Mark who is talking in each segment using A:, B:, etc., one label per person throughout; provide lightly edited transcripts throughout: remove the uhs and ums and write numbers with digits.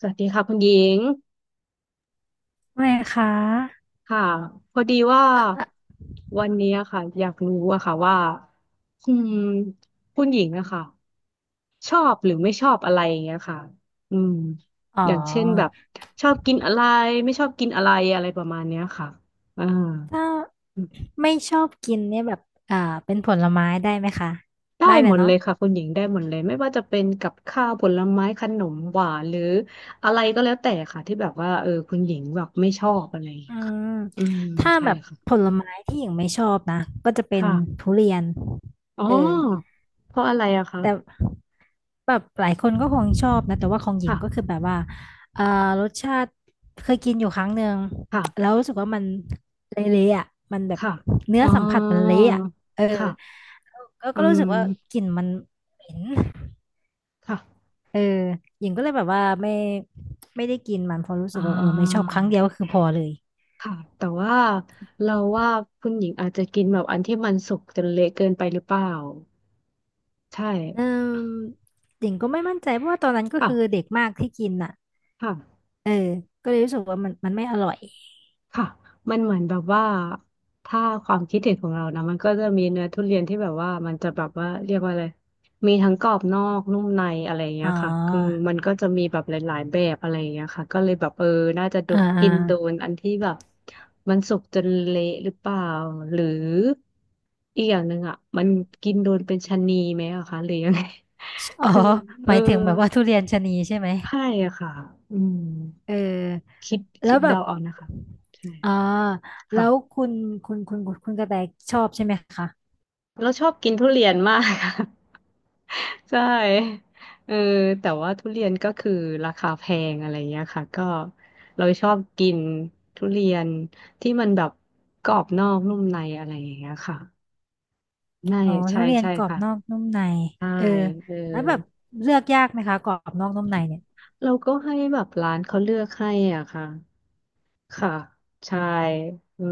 A: สวัสดีค่ะคุณหญิง
B: ไม่คะ
A: ค่ะพอดีว่า
B: อ่ะอ่ะ
A: วันนี้อะค่ะอยากรู้อะค่ะว่าอืมคุณหญิงอะค่ะชอบหรือไม่ชอบอะไรอย่างเงี้ยค่ะอืม
B: อ๋อ
A: อย่างเช่นแบบชอบกินอะไรไม่ชอบกินอะไรอะไรประมาณเนี้ยค่ะอ่า
B: ถ้าไม่ชอบกินเนี่ยแบบอ่าเป็นผลไม้ได้ไหมคะ
A: ได้
B: ได้เล
A: หม
B: ย
A: ดเล
B: เนาะ
A: ยค่ะคุณหญิงได้หมดเลยไม่ว่าจะเป็นกับข้าวผลไม้ขนมหวานหรืออะไรก็แล้วแต่ค่ะที่แบบว่าคุณหญิงแบบไม่ชอบอะไรอย่าง
B: อื
A: เงี้ยค่ะ
B: ม
A: อืม
B: ถ้า
A: ใช่
B: แบบผ
A: ค่ะ
B: ลไม้ที่หญิงไม่ชอบนะก็จะเป็น
A: ค่ะ
B: ทุเรียน
A: อ๋อ
B: เออ
A: เพราะอะไรอะคะ
B: แต่แบบหลายคนก็คงชอบนะแต่ว่าของหญิง
A: ค่ะ
B: ก็คือแบบว่าเอ่อรสชาติเคยกินอยู่ครั้งหนึ่ง แล้
A: ค่ะ
B: วรู้สึกว่ามันเละๆอ่ะมันแบบ
A: ค่ะ
B: เนื้อ
A: อ๋อ
B: สัมผัสมันเละอ่ะเออ
A: ค่ะ
B: ก็
A: อื
B: ก็รู้สึกว่า
A: ม
B: กลิ่นมันเหม็น
A: ค่ะ
B: เออหญิงก็เลยแบบว่าไม่ได้กินมันเพราะรู้
A: อ่
B: สึกว่าเออไม่ชอบ
A: า
B: ครั้งเดียวก็คือพอเลย
A: ค่ะแต่ว่าเราว่าคุณหญิงอาจจะกินแบบอันที่มันสุกจนเละเกินไปหรือเปล่าใช่
B: เออหญิงก็ไม่มั่นใจเพราะว่าตอนนั้นก็
A: เปล่า
B: คือเด็กมากที่กินอ่ะ
A: ค่ะ
B: เออก็เลยรู้สึกว่ามันไม่อร่อย
A: ค่ะมันเหมือนแบบว่าถ้าความคิดเห็นของเรานะมันก็จะมีเนื้อทุเรียนที่แบบว่ามันจะแบบว่าเรียกว่าอะไรมีทั้งกรอบนอกนุ่มในอะไรอย่างเงี้
B: อ๋อ
A: ยค่ะคือมันก็จะมีแบบหลายๆแบบอะไรอย่างเงี้ยค่ะก็เลยแบบน่าจะโด
B: อ่าอา
A: กินโดนอันที่แบบมันสุกจนเละหรือเปล่าหรืออีกอย่างหนึ่งอ่ะมันกินโดนเป็นชะนีไหมอะคะหรือยังไง
B: อ๋ อ
A: คือ
B: ห
A: เออ
B: มายถึงแบบว่าทุเรียนชะนีใช่ไหม
A: ใช่อะค่ะอืม
B: เออ
A: คิดคิ
B: แล้
A: ด
B: วแบ
A: เดา
B: บ
A: เอานะคะใช่
B: อ่าแล้
A: ค่ะ
B: วคุณคุณกระแตชอบใช่ไหมคะ
A: เราชอบกินทุเรียนมากค่ะ ใช่เออแต่ว่าทุเรียนก็คือราคาแพงอะไรเงี้ยค่ะก็เราชอบกินทุเรียนที่มันแบบกรอบนอกนุ่มในอะไรอย่างเงี้ยค่ะใช่
B: อ๋อ
A: ใช่
B: ทุเรียน
A: ใช่
B: กรอบ
A: ค่ะ
B: นอกนุ่มใน
A: ใช่
B: เออ
A: เออ
B: แล้วแบบเลือกยากไหมคะกรอบนอกนุ่มในเนี่ย
A: เราก็ให้แบบร้านเขาเลือกให้อ่ะค่ะค่ะใช่เออ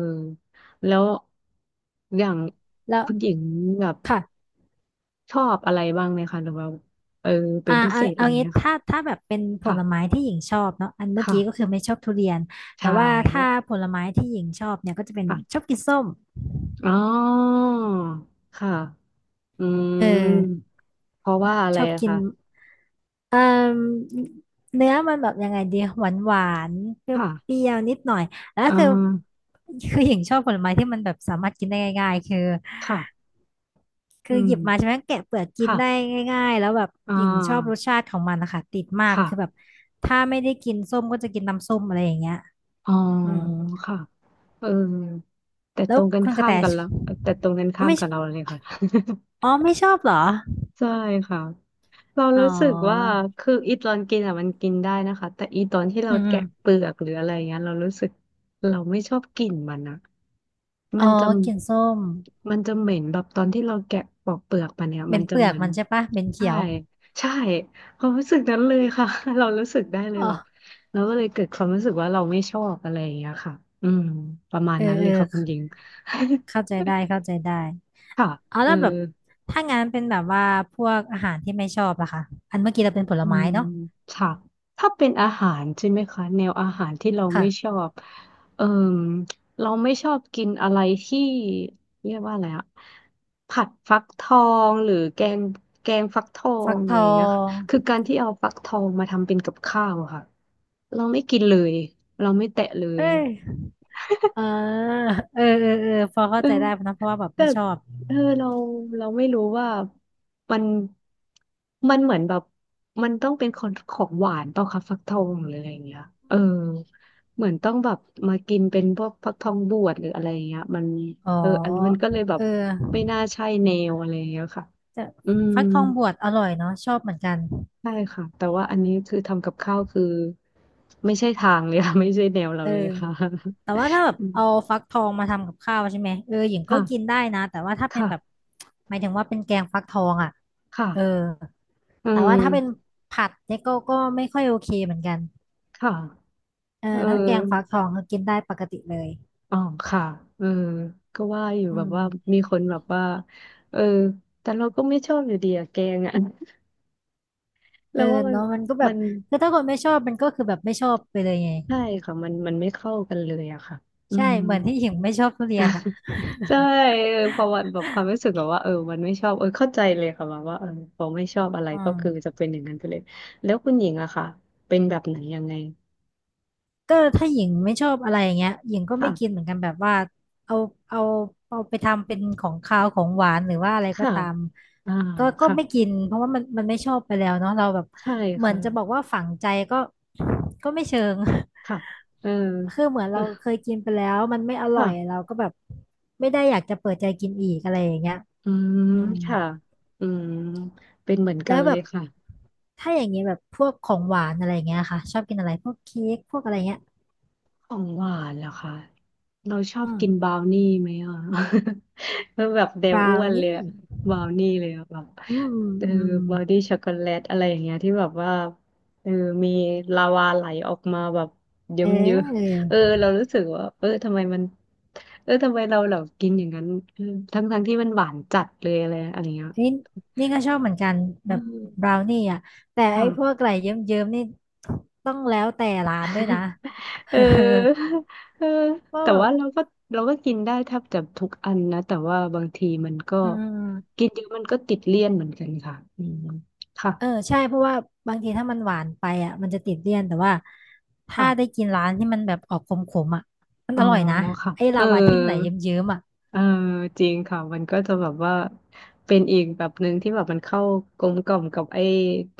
A: แล้วอย่าง
B: แล้ว
A: คุณหญิงแบบ
B: ค่ะ
A: ชอบอะไรบ้างไหมคะหรือว่าเออเป็
B: อ่า
A: นพิเศ
B: เอา
A: ษอะ
B: เอา
A: ไร
B: งี้
A: เงี้ยค่ะ
B: ถ้าแบบเป็นผ
A: ค่ะ
B: ลไม้ที่หญิงชอบเนาะอันเมื่อ
A: ค่ะ
B: กี้ก็คือไม่ชอบทุเรียนแต่
A: ใช่
B: ว่าถ้าผลไม้ที่หญิงชอบเนี่ยก็จะเป็นช
A: ค่ะ
B: อบกินส้ม
A: อ๋อ ค่ะ อื
B: เออ
A: ม เพราะว่าอะไร
B: ชอบ
A: อะ
B: กิน
A: คะ
B: เอ่อเนื้อมันแบบยังไงดีหวานหวานเปร
A: ค่ะ
B: ี้ยวๆนิดหน่อยแล้ว
A: อ่
B: คือ
A: า
B: คือหญิงชอบผลไม้ที่มันแบบสามารถกินได้ง่ายๆคือ
A: ค่ะ
B: คื
A: อื
B: อห
A: ม
B: ยิบมาใช่ไหมแกะเปลือกกิน
A: ค่ะ
B: ได้ง่ายๆแล้วแบบ
A: อ่
B: หญิงชอบร
A: า
B: สชาติของมันนะคะติดมาก
A: ค่ะ
B: คือแบบถ้าไม่ได้กินส้มก็จะกินน้ำส้มอะไรอย่างเงี้ย
A: อ๋อ
B: อืม
A: ค่ะเออแต่
B: แล้
A: ต
B: ว
A: รงกัน
B: คุณก
A: ข้า
B: ระแต
A: มกันแล้ว แต่ตรงกัน
B: อ๋อ
A: ข้าม
B: ไม่
A: กับเราเลยค่ะ
B: อ๋อไม่ชอบเหรอ
A: ใช่ค่ะเรา
B: อ๋
A: รู้สึกว่า
B: อ
A: คืออีตอนกินอ่ะมันกินได้นะคะแต่อีตอนที่เรา
B: อืมอื
A: แกะ
B: ม
A: เปลือกหรืออะไรเงี้ยเรารู้สึกเราไม่ชอบกลิ่นมันนะ
B: อ๋
A: มั
B: อ
A: นจะ
B: กินส้ม
A: มันจะเหม็นแบบตอนที่เราแกะปอกเปลือกมันเนี่ย
B: เป็
A: มัน
B: น
A: จะ
B: เปลือ
A: เห
B: ก
A: มัน
B: มันใช่ปะเป็นเขี
A: ใช่
B: ยว
A: ใช่ความรู้สึกนั้นเลยค่ะ เรารู้สึกได้เลย
B: อ๋อ
A: แบบเราก็เลยเกิดความรู้สึกว่าเราไม่ชอบอะไรอย่างเงี้ยค่ะอืมประมาณ
B: เออ
A: นั้นเล
B: เออ
A: ยค่ะคุณหญิง
B: เข้าใจได้เข้าใจได้
A: ค่ะ
B: เอา
A: เออ
B: แล้วแบบถ้างั้นเป็นแบบว่าพวกอาหารที่ไม่ชอบล่ะคะอันเมื่อกี้เราเป็นผล
A: อื
B: ไม้
A: ม
B: เนาะ
A: ค่ะถ้าเป็นอาหารใช่ไหมคะแนวอาหารที่เราไม่ช
B: ค่ะ
A: อบเอ่มเราไม่ชอบกินอะไรที่เรียกว่าอะไรอะผัดฟักทองหรือแกงฟักทอ
B: ฟั
A: ง
B: กท
A: อะไร
B: อ
A: อย่างเงี้ยค่ะ
B: ง
A: คือการที่เอาฟักทองมาทำเป็นกับข้าวอะค่ะ เราไม่กินเลยเราไม่แตะเล
B: เอ้
A: ย
B: ย อ่าเออ เออ เออพอ
A: เอ
B: เข้า
A: อ
B: ใจได้นะเพราะว่าแบบ
A: แต่
B: ไม่ชอบ
A: เออเราเราไม่รู้ว่ามันมันเหมือนแบบมันต้องเป็นของของหวานเปล่าคะฟักทองหรืออะไรอย่างเงี้ยเออเหมือนต้องแบบมากินเป็นพวกฟักทองบวชหรืออะไรอย่างเงี้ยมัน
B: อ๋อ
A: อันนี้มันก็เลยแบบ
B: เอ
A: ไม่
B: อ
A: น่าใช่แนวอะไรอย่างเงี้ยค่ะ
B: จะ
A: อืม
B: ฟักทองบวชอร่อยเนาะชอบเหมือนกัน
A: ใช่ค่ะแต่ว่าอันนี้คือทำกับข้าวคือไม่ใช่ทางเลยค่ะ ไม่ใช่แนวเรา
B: เออ
A: เลยค่ะ
B: แต่ว่าถ้าแบ บ
A: อืม
B: เอาฟักทองมาทำกับข้าวใช่ไหม เออหญิงก็
A: ค่ะ
B: กินได้นะ แต่ว่าถ้าเป็นแบบ
A: ค่ะ
B: หมายถึงว่าเป็นแกงฟักทองอ่ะ
A: ค่ะ
B: เออ
A: อื
B: แต่ว่าถ้าเป็น
A: ม
B: ผัดเนี่ยก็ไม่ค่อยโอเคเหมือนกัน
A: ค่ะ
B: เออ
A: เออ
B: ถ้าแกงฟักทองก็กินได้ปกติเลย
A: อ๋อค่ะเออก็ว่าอยู่
B: อื
A: แบบ
B: ม
A: ว่ามีคนแบบว่าเออแต่เราก็ไม่ชอบอยู่ดีอะแกงอะ
B: เอ
A: แล้
B: อ
A: วว่า
B: เนาะมันก็แบ
A: มั
B: บ
A: น
B: คือถ้าคนไม่ชอบมันก็คือแบบไม่ชอบไปเลยไง
A: ใช่ค่ะมันมันไม่เข้ากันเลยอะค่ะอื
B: ใช่
A: ม
B: เหมือนที่หญิงไม่ชอบทุเรียนอ่ะ
A: ใช่พอวันแบบความรู้สึกแบบว่ามันไม่ชอบเข้าใจเลยค่ะแบบว่าพอไม่ชอบอะไร
B: อื
A: ก็คือจะ
B: ม
A: เป็นอย่างนั้นไปเลยแล้วคุณหญิงอะค่ะเป็นแบบไหนยังไง
B: ก็ถ้าหญิงไม่ชอบอะไรอย่างเงี้ยหญิงก็ไม่
A: ค่ะ
B: กินเหมือนกันแบบว่าเอาเอาเอาไปทำเป็นของคาวของหวานหรือว่าอะไรก็
A: ค่ะ
B: ตาม
A: อ่า
B: ก็
A: ค่ะ
B: ไม่กินเพราะว่ามันไม่ชอบไปแล้วเนาะเราแบบ
A: ใช่
B: เหมือ
A: ค่ะ
B: นจะบอกว่าฝังใจก็ก็ไม่เชิง
A: ค่ะเออ
B: คือเหมือนเราเคยกินไปแล้วมันไม่อ ร่อยเรา
A: ค่ะ
B: ก็แบบไม่ได้อยากจะเปิดใจกินอีกอะไรอย่างเงี้ย
A: อืม
B: อืม
A: ค่ะอืมเป็นเหมือนกั
B: แล้
A: น
B: วแบ
A: เลย
B: บ
A: ค่ะ
B: ถ้าอย่างเงี้ยแบบพวกของหวานอะไรเงี้ยค่ะชอบกินอะไรพวกเค้กพวกอะไรเงี้ย
A: ของหวานเหรอคะเราชอบ
B: อื
A: กินบ
B: ม
A: ราวนี่ไหมอ่ะ แล้วแบบแน
B: บ
A: ว
B: รา
A: อ้
B: ว
A: วนเลย
B: นี่
A: อะบราวนี่เลยอะแบบ
B: อืม
A: เออ
B: อืม
A: บราวนี่ช็อกโกแลตอะไรอย่างเงี้ยที่แบบว่าเออมีลาวาไหลออกมาแบบเยิ้
B: เ
A: มเยอะ
B: ออ
A: เรารู้สึกว่าทำไมมันทำไมเรากินอย่างนั้นเออทั้งที่มันหวานจัดเลยอะไรอะไรอย่างเงี้ย
B: นี่นี่ก็ชอบเหมือนกันแบ
A: อื
B: บบ
A: ม
B: ราวนี่อ่ะแต่ไอ้พวก
A: ค่ะ
B: อะไรเยิ้มๆนี่ต้องแล้วแต่ร้านด้วยนะ เอ
A: เอ
B: อ
A: อเออ
B: เพราะ
A: แต่
B: แบบ
A: ว่าเราก็กินได้แทบจะทุกอันนะแต่ว่าบางทีมันก็
B: อืมอืม
A: กินเยอะมันก็ติดเลี่ยนเหมือนกันค่ะอืมค่ะ
B: เออใช่เพราะว่าบางทีถ้ามันหวานไปอ่ะมันจะติดเลี่ยนแต่ว่าถ้าได้
A: ค่ะ
B: กินร้านที่มันแบบออกขมๆอ่ะมัน
A: อ๋อ
B: อร่อยนะ
A: ค่ะ
B: ไอ้
A: เอ
B: ลา
A: อ
B: วาที่มันไหลเยิ้มๆอ่ะ
A: เออจริงค่ะมันก็จะแบบว่าเป็นอีกแบบหนึ่งที่แบบมันเข้ากลมกล่อมกับไอ้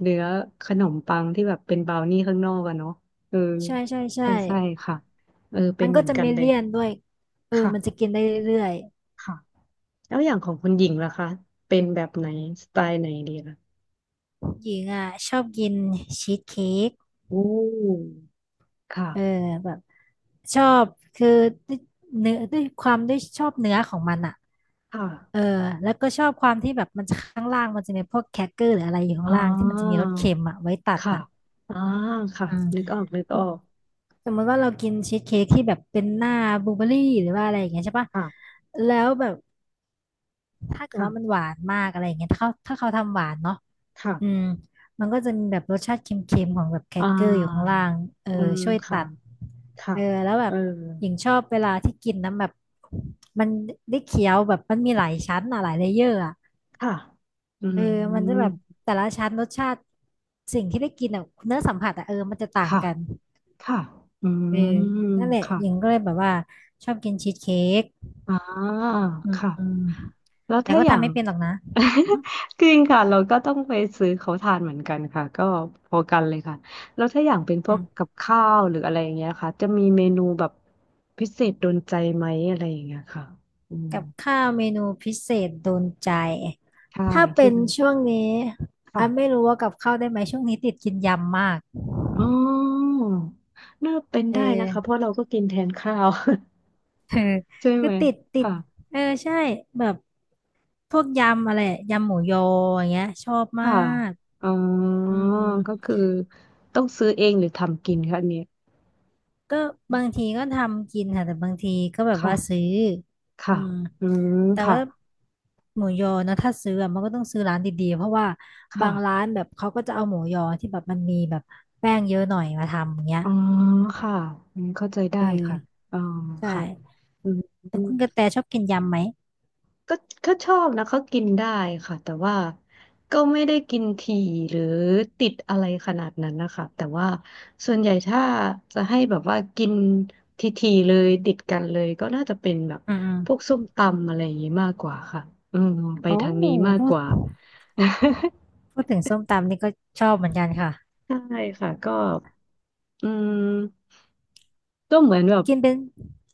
A: เนื้อขนมปังที่แบบเป็นบราวนี่ข้างนอกอะเนาะเออ
B: ใช่ใช่ใช่
A: ใช่ใช่ค่ะเป็
B: มั
A: น
B: น
A: เห
B: ก็
A: มือน
B: จะ
A: กัน
B: ไม่
A: เลย
B: เลี่ยนด้วยเออมันจะ
A: ค่ะ
B: กินได้เรื่อย
A: ค่ะ แล้วอย่างของคุณหญิงล่ะคะเป็นแบบไหนสไตล์ไหนดีล่ะ
B: ๆหญิงอ่ะชอบกินชีสเค้ก
A: โอ้ค่ะ
B: เออแบบชอบคือด้วยเนื้อด้วยความด้วยชอบเนื้อของมันอ่ะ
A: ค่ะ
B: เออแล้วก็ชอบความที่แบบมันจะข้างล่างมันจะมีพวกแครกเกอร์หรืออะไรอยู่ข้าง
A: อ่
B: ล่างที่มันจะมี
A: า
B: รสเค็มอ่ะไว้ตัด
A: ค่ะ
B: อ่ะ
A: อ่าค่ะ
B: อืม
A: นึกออกนึกออก
B: สมมติว่าเรากินชีสเค้กที่แบบเป็นหน้าบลูเบอร์รี่หรือว่าอะไรอย่างเงี้ยใช่ปะ
A: ค่ะ
B: แล้วแบบถ้าเกิด
A: ค่ะ
B: ว่ามันหวานมากอะไรอย่างเงี้ยถ้าเขาทำหวานเนาะ
A: ค่ะ
B: อืมมันก็จะมีแบบรสชาติเค็มๆของแบบแครก
A: อ่า
B: เกอร์อยู่ข้างล่างเออ
A: อืม
B: ช่วยตั
A: ค่ะ
B: ด
A: ค่ะ
B: เออแล้วแบ
A: เอ
B: บ
A: อ
B: หญิงชอบเวลาที่กินนำแบบมันได้เคี้ยวแบบมันมีหลายชั้นอะหลายเลเยอร์อะ
A: ค่ะอื
B: เอ
A: ม
B: อมันจะแบบแต่ละชั้นรสชาติสิ่งที่ได้กินอะเนื้อสัมผัสอะเออมันจะต่าง
A: ค่ะ
B: กัน
A: ค่ะอื
B: เออ
A: ม
B: นั่นแหละ
A: ค่ะ
B: หญิงก็เลยแบบว่าชอบกินชีสเค้ก
A: อ่า
B: อืม
A: ค่ะ
B: อืม
A: แล้ว
B: แต่
A: ถ้า
B: ก็
A: อย่า
B: ทำ
A: ง
B: ไม่เป็นหรอกนะ
A: จริงค่ะเราก็ต้องไปซื้อเขาทานเหมือนกันค่ะก็พอกันเลยค่ะแล้วถ้าอย่างเป็นพว
B: อื
A: ก
B: ม
A: กับข้าวหรืออะไรอย่างเงี้ยค่ะจะมีเมนูแบบพิเศษโดนใจไหมอะไรอย่างเงี้ยค่ะอืม
B: กับข้าวเมนูพิเศษโดนใจ
A: ใช่
B: ถ้าเป็
A: ที่
B: นช่วงนี้
A: ค่ะ
B: อันไม่รู้ว่ากับข้าวได้ไหมช่วงนี้ติดกินยำมาก
A: อ๋อน่าเป็น
B: เออ
A: ได้นะคะเพราะเราก็กินแทนข้าว
B: เออ
A: ใช่
B: คื
A: ไหม
B: อติดติด
A: ค่ะ
B: เออใช่แบบพวกยำอะไรยำหมูยออย่างเงี้ยชอบมา
A: ค่ะ
B: ก
A: อ๋อ
B: อืม
A: ก็คือต้องซื้อเองหรือทำกินคะอันเนี้ย
B: ก็บางทีก็ทำกินค่ะแต่บางทีก็แบบว่า
A: ค่ะ
B: ซื้อ
A: ค่ะ
B: อืม
A: อืม
B: แต่
A: ค่ะ
B: ว่าหมูยอนะถ้าซื้ออะมันก็ต้องซื้อร้านดีๆเพราะว่าบา
A: ค่ะ
B: งร้านแบบเขาก็จะเอาหมูยอที่แบบมันมีแบบแป้งเยอะหน่อยมาทำอย่างเงี้ย
A: อ๋อค่ะอืมเข้าใจได้
B: เอ
A: ค่ะ
B: อ
A: อ๋อ
B: ใช
A: ค่ะ
B: ่
A: อืม
B: แต่คุณกระแตชอบกินยำไหม
A: ก็ก็ชอบนะก็กินได้ค่ะแต่ว่าก็ไม่ได้กินถี่หรือติดอะไรขนาดนั้นนะคะแต่ว่าส่วนใหญ่ถ้าจะให้แบบว่ากินทีๆเลยติดกันเลยก็น่าจะเป็นแบบ
B: อืมอืม
A: พวกส้มตำอะไรอย่างนี้มากกว่าค่ะอืมไป
B: โอ้
A: ทางนี้มาก
B: พู
A: ก
B: ด
A: ว่า
B: พูดถึงส้มตำนี่ก็ชอบเหมือนกันค่ะ
A: ใช่ค่ะก็อืมก็เหมือนแบบ
B: กินเป็น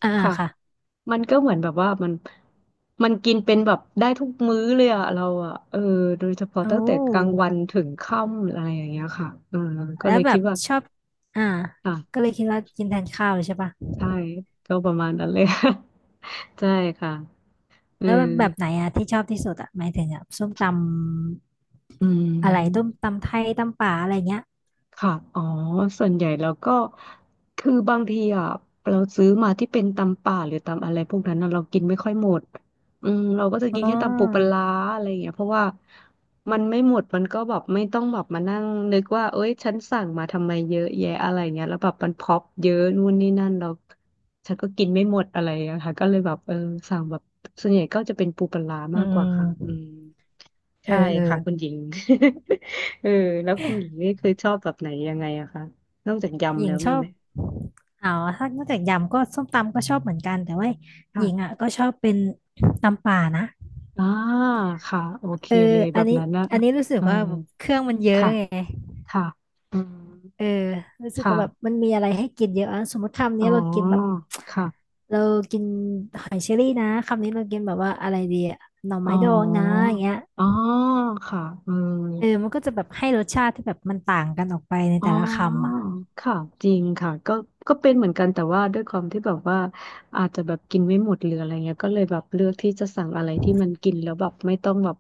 B: อ่า
A: ค่ะ
B: ค่ะ
A: มันก็เหมือนแบบว่ามันกินเป็นแบบได้ทุกมื้อเลยอะเราอะเออโดยเฉพาะ
B: โอ้
A: ตั้งแต่กลางวันถึงค่ำอะไรอย่างเงี้ยค่ะเออก็
B: แล้
A: เล
B: ว
A: ย
B: แบ
A: คิด
B: บ
A: ว่า
B: ชอบอ่า
A: อ่ะ
B: ก็เลยคิดว่ากินแทนข้าวเลยใช่ปะ
A: ใช่ก็ประมาณนั้นเลย ใช่ค่ะเออ
B: แล้วแบบไหนอะที่ชอบที่สุดอะหมายถึงอะส้มต
A: อื
B: ำอะไรต้ม
A: ม
B: ตำไทยตำป่าอะไรเงี้ย
A: ค่ะ อ๋อส่วนใหญ่เราก็คือบางทีอ่ะเราซื้อมาที่เป็นตำป่าหรือตำอะไรพวกนั้นน่ะเรากินไม่ค่อยหมด อืมเราก็จะกิน
B: อ๋อ
A: แค่ตำปูปลาร้าอะไรอย่างเงี้ยเพราะว่ามันไม่หมด มันก็แบบไม่ต้องแบบมานั่งนึกว่าเอ้ยฉันสั่งมาทำไมเยอะแยะอะไรเงี้ยแล้วแบบมันพร็อปเยอะนู่นนี่นั่นเราฉันก็กินไม่หมดอะไรอยค่ะก็เลยแบบเออสั่งแบบส่วนใหญ่ก็จะเป็นปูปลาร้า
B: อื
A: มากกว่าค่ะอืม
B: มเออ
A: ใช่
B: เออ
A: ค่ะคุณหญิง เออแล้วคุณหญิงนี่เคยชอบแบบไหนยังไงอะคะนอกจาก
B: ห
A: ยำ
B: ญิ
A: แล้
B: ง
A: ว
B: ช
A: มี
B: อ
A: ไห
B: บ
A: ม
B: อ๋อถ้านอกจากยำก็ส้มตำก็ชอบเหมือนกันแต่ว่าห
A: ค่ะ
B: ญิงอะก็ชอบเป็นตำป่านะ
A: อ่า ค่ะโอเค
B: เออ
A: เลยแบ
B: อัน
A: บ
B: นี้
A: นั้นนะ
B: อันนี้รู้สึก
A: เออ
B: ว่าแบบเครื่องมันเยอะ
A: ค่ะ
B: ไง
A: ค่ะอืม
B: เออรู้สึก
A: ค่ะ
B: ว่าแบบมันมีอะไรให้กินเยอะอะสมมติคำ
A: อ๋
B: นี้เรากินแบบ
A: อค่ะ
B: เรากินหอยเชอรี่นะคำนี้เรากินแบบว่าอะไรดีอะหน่อ
A: อ๋อ
B: ไม้ดองนะอย่างเงี้ย
A: อ๋อค่ะอืม
B: เออมันก็จะแบบให้รสชาติที่แบบมันต่างกันออกไปใน
A: อ๋
B: แต่
A: อ
B: ละคำอ่ะ
A: ค่ะจริงค่ะก็ก็เป็นเหมือนกัน แต่ว่าด้วยความที่แบบว่าอาจจะแบบกินไม่หมดหรืออะไรเงี้ยก็เลยแบบเลือกที่จะสั่งอะไรที่มันกินแล้วแบบไม่ต้องแบบ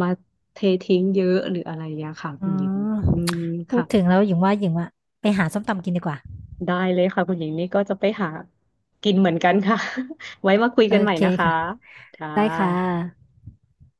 A: มาเททิ้งเยอะหรืออะไรอย่างเงี้ยค่ะ
B: อื
A: คุณหญิง
B: ม
A: อืม
B: พูดถึง
A: ค่ะ
B: แล้วหญิงว่าไปหาส้มตำกินดีกว่า
A: ได้เลยค่ะคุณหญิงนี่ก็จะไปหากินเหมือนกันค่ะ ไว้มาคุย
B: โอ
A: กันใหม่
B: เค
A: นะคะ
B: ค่ะ
A: ค่
B: ได้ค่ะ
A: ะ